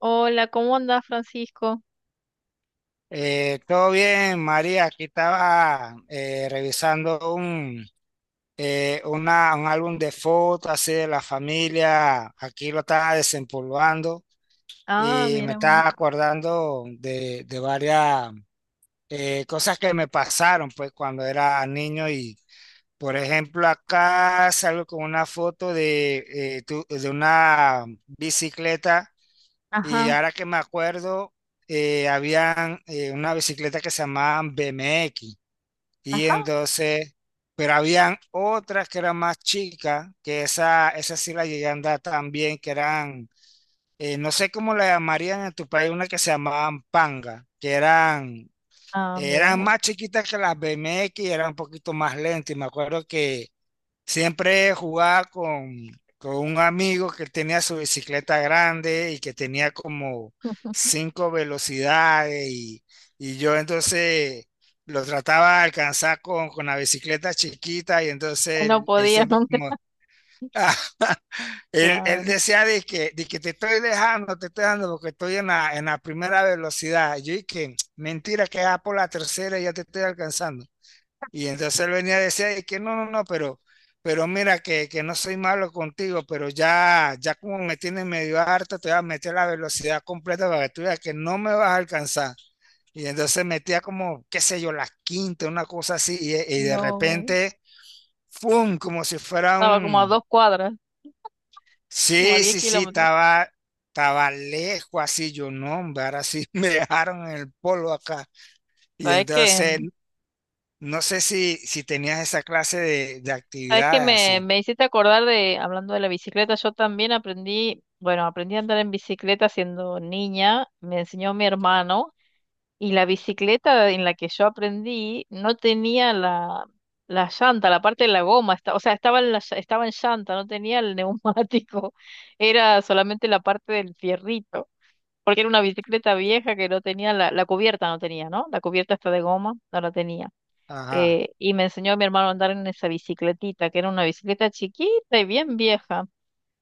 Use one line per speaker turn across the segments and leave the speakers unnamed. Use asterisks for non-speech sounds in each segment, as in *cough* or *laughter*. Hola, ¿cómo andas, Francisco?
Todo bien, María. Aquí estaba revisando un álbum de fotos así de la familia. Aquí lo estaba desempolvando
Ah,
y me
mira vos.
estaba acordando de varias cosas que me pasaron pues cuando era niño. Y por ejemplo acá salgo con una foto de una bicicleta, y
Ajá.
ahora que me acuerdo, habían una bicicleta que se llamaban BMX. Y
Ajá.
entonces, pero habían otras que eran más chicas, que esa sí la llegué a andar también, que eran, no sé cómo la llamarían en tu país, una que se llamaban Panga,
Ah, mira
eran
vos.
más chiquitas que las BMX, eran un poquito más lentas. Y me acuerdo que siempre jugaba con un amigo que tenía su bicicleta grande y que tenía como 5 velocidades, y yo entonces lo trataba de alcanzar con la bicicleta chiquita, y entonces
No
él
podía, *laughs*
siempre
no,
como, *laughs* él
claro.
decía de que te estoy dejando porque estoy en en la primera velocidad. Yo dije, mentira, que ya por la tercera ya te estoy alcanzando. Y entonces él venía a decir, "Ay, que no, no, no, pero mira que no soy malo contigo, pero ya, ya como me tienes medio harta, te voy a meter la velocidad completa para que tú veas que no me vas a alcanzar." Y entonces metía como, qué sé yo, la quinta, una cosa así, y de
No,
repente, ¡fum! Como si fuera
estaba como a
un...
dos cuadras, como a
Sí,
10
sí, sí,
kilómetros.
estaba, estaba lejos así, yo no, hombre, ahora sí *laughs* me dejaron en el polo acá. Y
¿Sabes qué?
entonces, no sé si tenías esa clase de
¿Sabes qué?
actividades
Me,
así.
me hiciste acordar de, hablando de la bicicleta, yo también aprendí, bueno, aprendí a andar en bicicleta siendo niña, me enseñó mi hermano. Y la bicicleta en la que yo aprendí no tenía la llanta, la parte de la goma, o sea, estaba en, estaba en llanta, no tenía el neumático, *laughs* era solamente la parte del fierrito, porque era una bicicleta vieja que no tenía la cubierta, no tenía, ¿no? La cubierta está de goma, no la tenía.
Ajá.
Y me enseñó a mi hermano a andar en esa bicicletita, que era una bicicleta chiquita y bien vieja.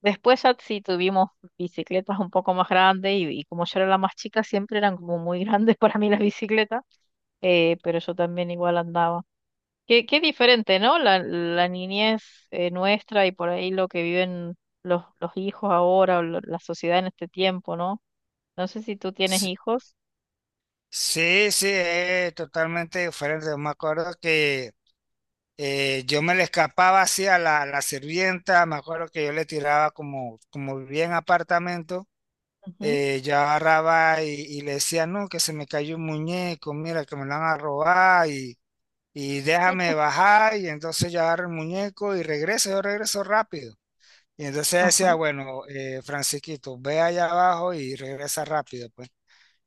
Después ya sí tuvimos bicicletas un poco más grandes y como yo era la más chica, siempre eran como muy grandes *laughs* para mí las bicicletas, pero yo también igual andaba. Qué diferente, ¿no? La niñez nuestra y por ahí lo que viven los hijos ahora o la sociedad en este tiempo, ¿no? No sé si tú tienes
Sí,
hijos.
sí, sí, es totalmente diferente. Yo me acuerdo que yo me le escapaba así a la sirvienta. Me acuerdo que yo le tiraba como, como vivía en apartamento.
Ujú.
Yo agarraba y le decía, no, que se me cayó un muñeco, mira, que me lo van a robar, y déjame bajar. Y entonces yo agarro el muñeco y regreso, yo regreso rápido. Y entonces decía,
Ajá.
bueno, Francisquito, ve allá abajo y regresa rápido, pues.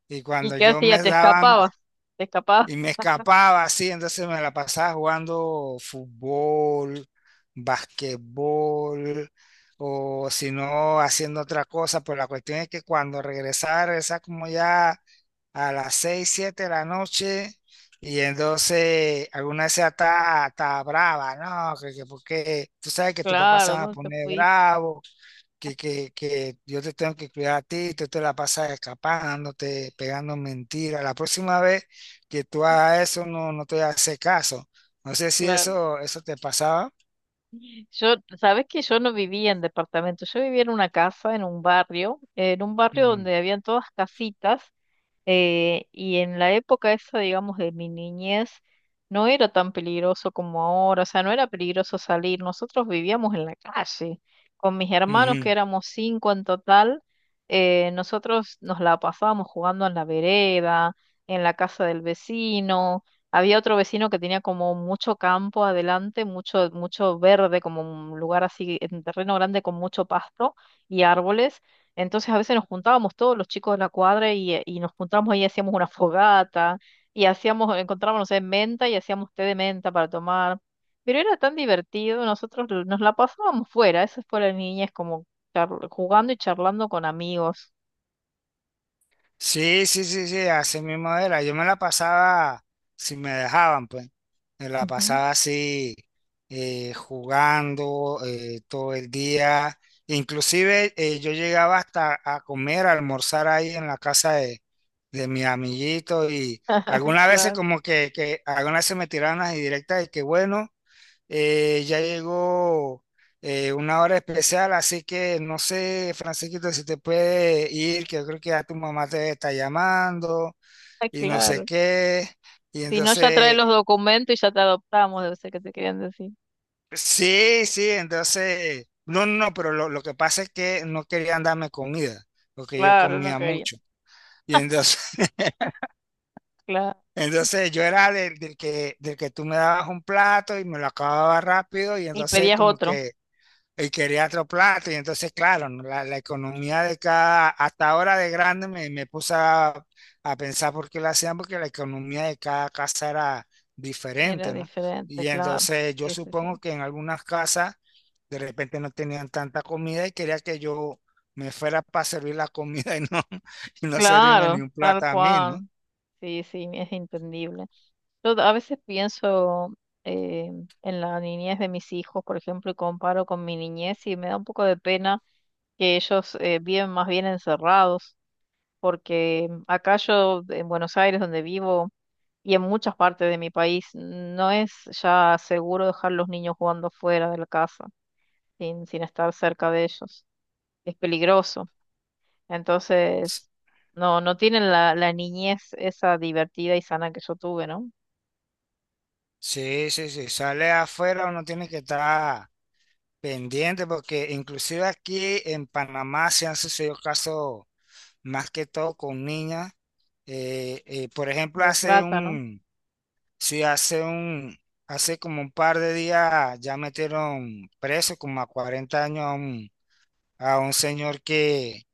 Y
¿Y
cuando
qué
yo me
hacías? ¿Te
daban
escapabas? ¿Te escapabas?
y me escapaba así, entonces me la pasaba jugando fútbol, basquetbol, o si no, haciendo otra cosa. Pero la cuestión es que cuando regresaba, regresaba como ya a las 6 7 de la noche. Y entonces alguna vez está hasta brava, ¿no? Que porque tú sabes que tu papá se
Claro,
va a
¿dónde te
poner
fuiste?
bravo que yo te tengo que cuidar a ti, tú te la pasas escapándote, pegando mentiras. La próxima vez que tú hagas eso, no, no te hace caso. No sé si
Claro.
eso, eso te pasaba.
Yo, sabes que yo no vivía en departamento, yo vivía en una casa, en un barrio
Ujú,
donde habían todas casitas. Y en la época esa, digamos, de mi niñez, no era tan peligroso como ahora, o sea, no era peligroso salir. Nosotros vivíamos en la calle. Con mis hermanos,
ujú.
que éramos cinco en total, nosotros nos la pasábamos jugando en la vereda, en la casa del vecino. Había otro vecino que tenía como mucho campo adelante, mucho, mucho verde, como un lugar así, en terreno grande con mucho pasto y árboles. Entonces a veces nos juntábamos todos los chicos de la cuadra y nos juntábamos ahí, hacíamos una fogata y hacíamos, encontrábamos, no sé, menta y hacíamos té de menta para tomar. Pero era tan divertido, nosotros nos la pasábamos fuera, eso fue la niñez, como jugando y charlando con amigos.
Sí, sí, sí, sí, así mismo era. Yo me la pasaba, si me dejaban, pues, me la
Ujú.
pasaba así, jugando todo el día. Inclusive yo llegaba hasta a comer, a almorzar ahí en la casa de mi amiguito, y
*laughs*
algunas veces
Claro.
como que algunas veces me tiraban las indirectas de que bueno. Ya llegó una hora especial, así que no sé, Francisquito, si te puede ir, que yo creo que ya tu mamá te está llamando
Ah,
y no sé
claro.
qué. Y
Si no, ya trae
entonces,
los documentos y ya te adoptamos, debe ser que te querían decir.
sí, sí, entonces, no, no, pero lo que pasa es que no querían darme comida, porque yo
Claro, no
comía
quería.
mucho. Y entonces, *laughs*
Claro.
entonces yo era del que, del que tú me dabas un plato y me lo acababa rápido, y
Y
entonces
pedías
como
otro.
que y quería otro plato. Y entonces, claro, ¿no? La economía de cada, hasta ahora de grande me puse a pensar por qué lo hacían, porque la economía de cada casa era
Era
diferente, ¿no?
diferente,
Y
claro.
entonces yo
Sí, sí, sí.
supongo que en algunas casas de repente no tenían tanta comida y quería que yo me fuera para servir la comida, y no, *laughs* y no servirme
Claro,
ni un
tal
plato a mí, ¿no?
cual. Sí, sí, es entendible. Yo a veces pienso eh, en la niñez de mis hijos, por ejemplo, y comparo con mi niñez y me da un poco de pena que ellos viven más bien encerrados, porque acá yo, en Buenos Aires, donde vivo, y en muchas partes de mi país, no es ya seguro dejar los niños jugando fuera de la casa, sin estar cerca de ellos. Es peligroso. Entonces, no tienen la niñez esa divertida y sana que yo tuve, ¿no?
Sí, sí, sí, sale afuera, uno tiene que estar pendiente, porque inclusive aquí en Panamá se han sucedido casos más que todo con niñas. Por ejemplo,
De trata, ¿no?
sí, hace como un par de días ya metieron preso como a 40 años a un señor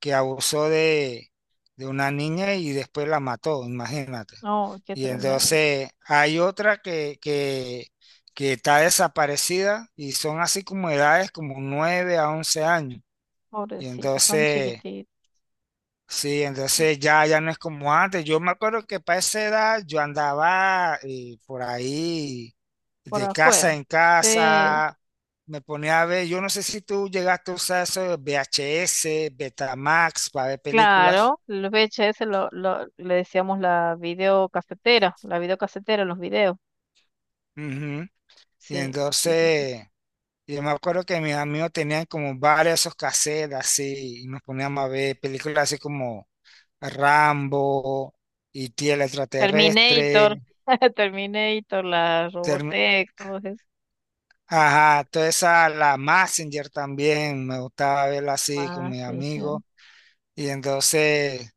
que abusó de una niña y después la mató, imagínate.
No, qué
Y
tremendo.
entonces hay otra que está desaparecida, y son así como edades como 9 a 11 años. Y
Pobrecito, tan
entonces,
chiquitito.
sí,
Sí,
entonces ya, ya no es como antes. Yo me acuerdo que para esa edad yo andaba por ahí
por
de casa
afuera.
en
Sí,
casa, me ponía a ver, yo no sé si tú llegaste a usar eso de VHS, Betamax para ver películas.
claro. Los VHS le decíamos la videocasetera, los videos.
Ujú. Y
Sí, sí, sí, sí.
entonces, yo me acuerdo que mis amigos tenían como varias esos cassettes así, y nos poníamos a ver películas así como Rambo, y el
Terminator,
extraterrestre,
*laughs* Terminator, la
Termi-
Robotech, todo eso.
ajá, toda esa, la Messenger también, me gustaba verla así con
Ah,
mis
sí, sí.
amigos. Y entonces,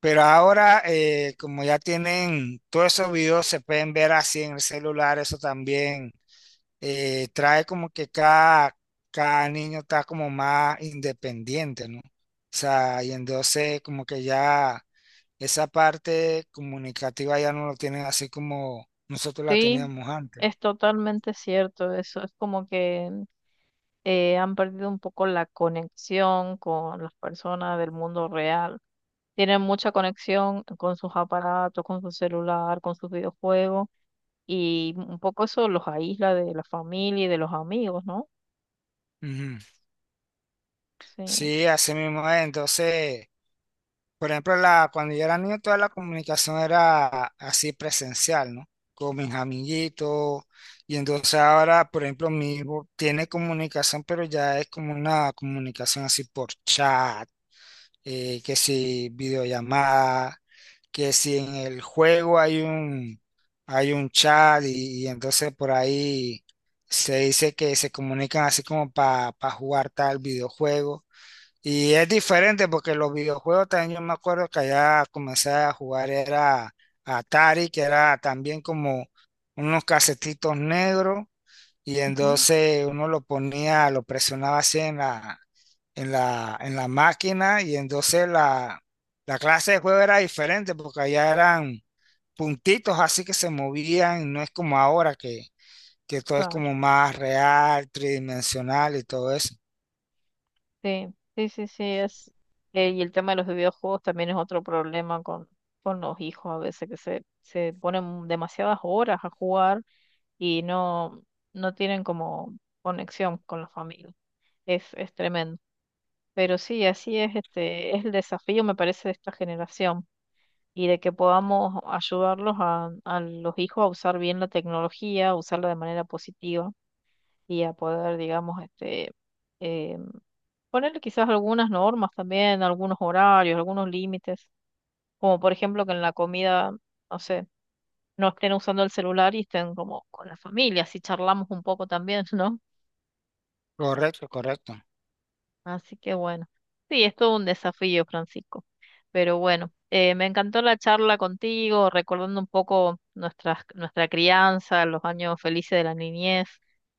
pero ahora, como ya tienen todos esos videos, se pueden ver así en el celular, eso también trae como que cada, cada niño está como más independiente, ¿no? O sea, y entonces como que ya esa parte comunicativa ya no lo tienen así como nosotros la
Sí,
teníamos antes.
es totalmente cierto eso. Es como que han perdido un poco la conexión con las personas del mundo real. Tienen mucha conexión con sus aparatos, con su celular, con sus videojuegos y un poco eso los aísla de la familia y de los amigos, ¿no?
Ujú.
Sí,
Sí, así mismo es. Entonces... Por ejemplo, la, cuando yo era niño, toda la comunicación era así presencial, ¿no? Con mis amiguitos. Y entonces ahora, por ejemplo, mi hijo tiene comunicación, pero ya es como una comunicación así por chat, que si videollamada, que si en el juego hay un chat, y entonces por ahí se dice que se comunican así como para jugar tal videojuego. Y es diferente porque los videojuegos también yo me acuerdo que allá comencé a jugar era Atari, que era también como unos casetitos negros, y
ujú,
entonces uno lo ponía, lo presionaba así en en la máquina, y entonces la clase de juego era diferente porque allá eran puntitos así que se movían, no es como ahora que todo es como
claro.
más real, tridimensional y todo eso.
Sí, sí, sí, sí, es. Y el tema de los videojuegos también es otro problema con los hijos a veces que se ponen demasiadas horas a jugar y no, no tienen como conexión con la familia. Es tremendo. Pero sí, así es, este, es el desafío, me parece, de esta generación y de que podamos ayudarlos a los hijos a usar bien la tecnología, a usarla de manera positiva y a poder, digamos, este, eh, ponerle quizás algunas normas también, algunos horarios, algunos límites, como por ejemplo que en la comida, no sé, no estén usando el celular y estén como con la familia, si charlamos un poco también, *laughs* ¿no?
Correcto, correcto.
Así que bueno, sí, es todo un desafío, Francisco. Pero bueno, me encantó la charla contigo, recordando un poco nuestras, nuestra crianza, los años felices de la niñez.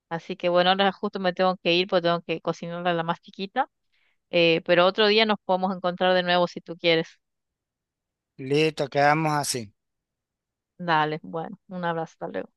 Así que bueno, ahora justo me tengo que ir porque tengo que cocinarle a la más chiquita. Pero otro día nos podemos encontrar de nuevo si tú quieres.
Listo, quedamos así.
Dale, bueno, un abrazo, hasta luego.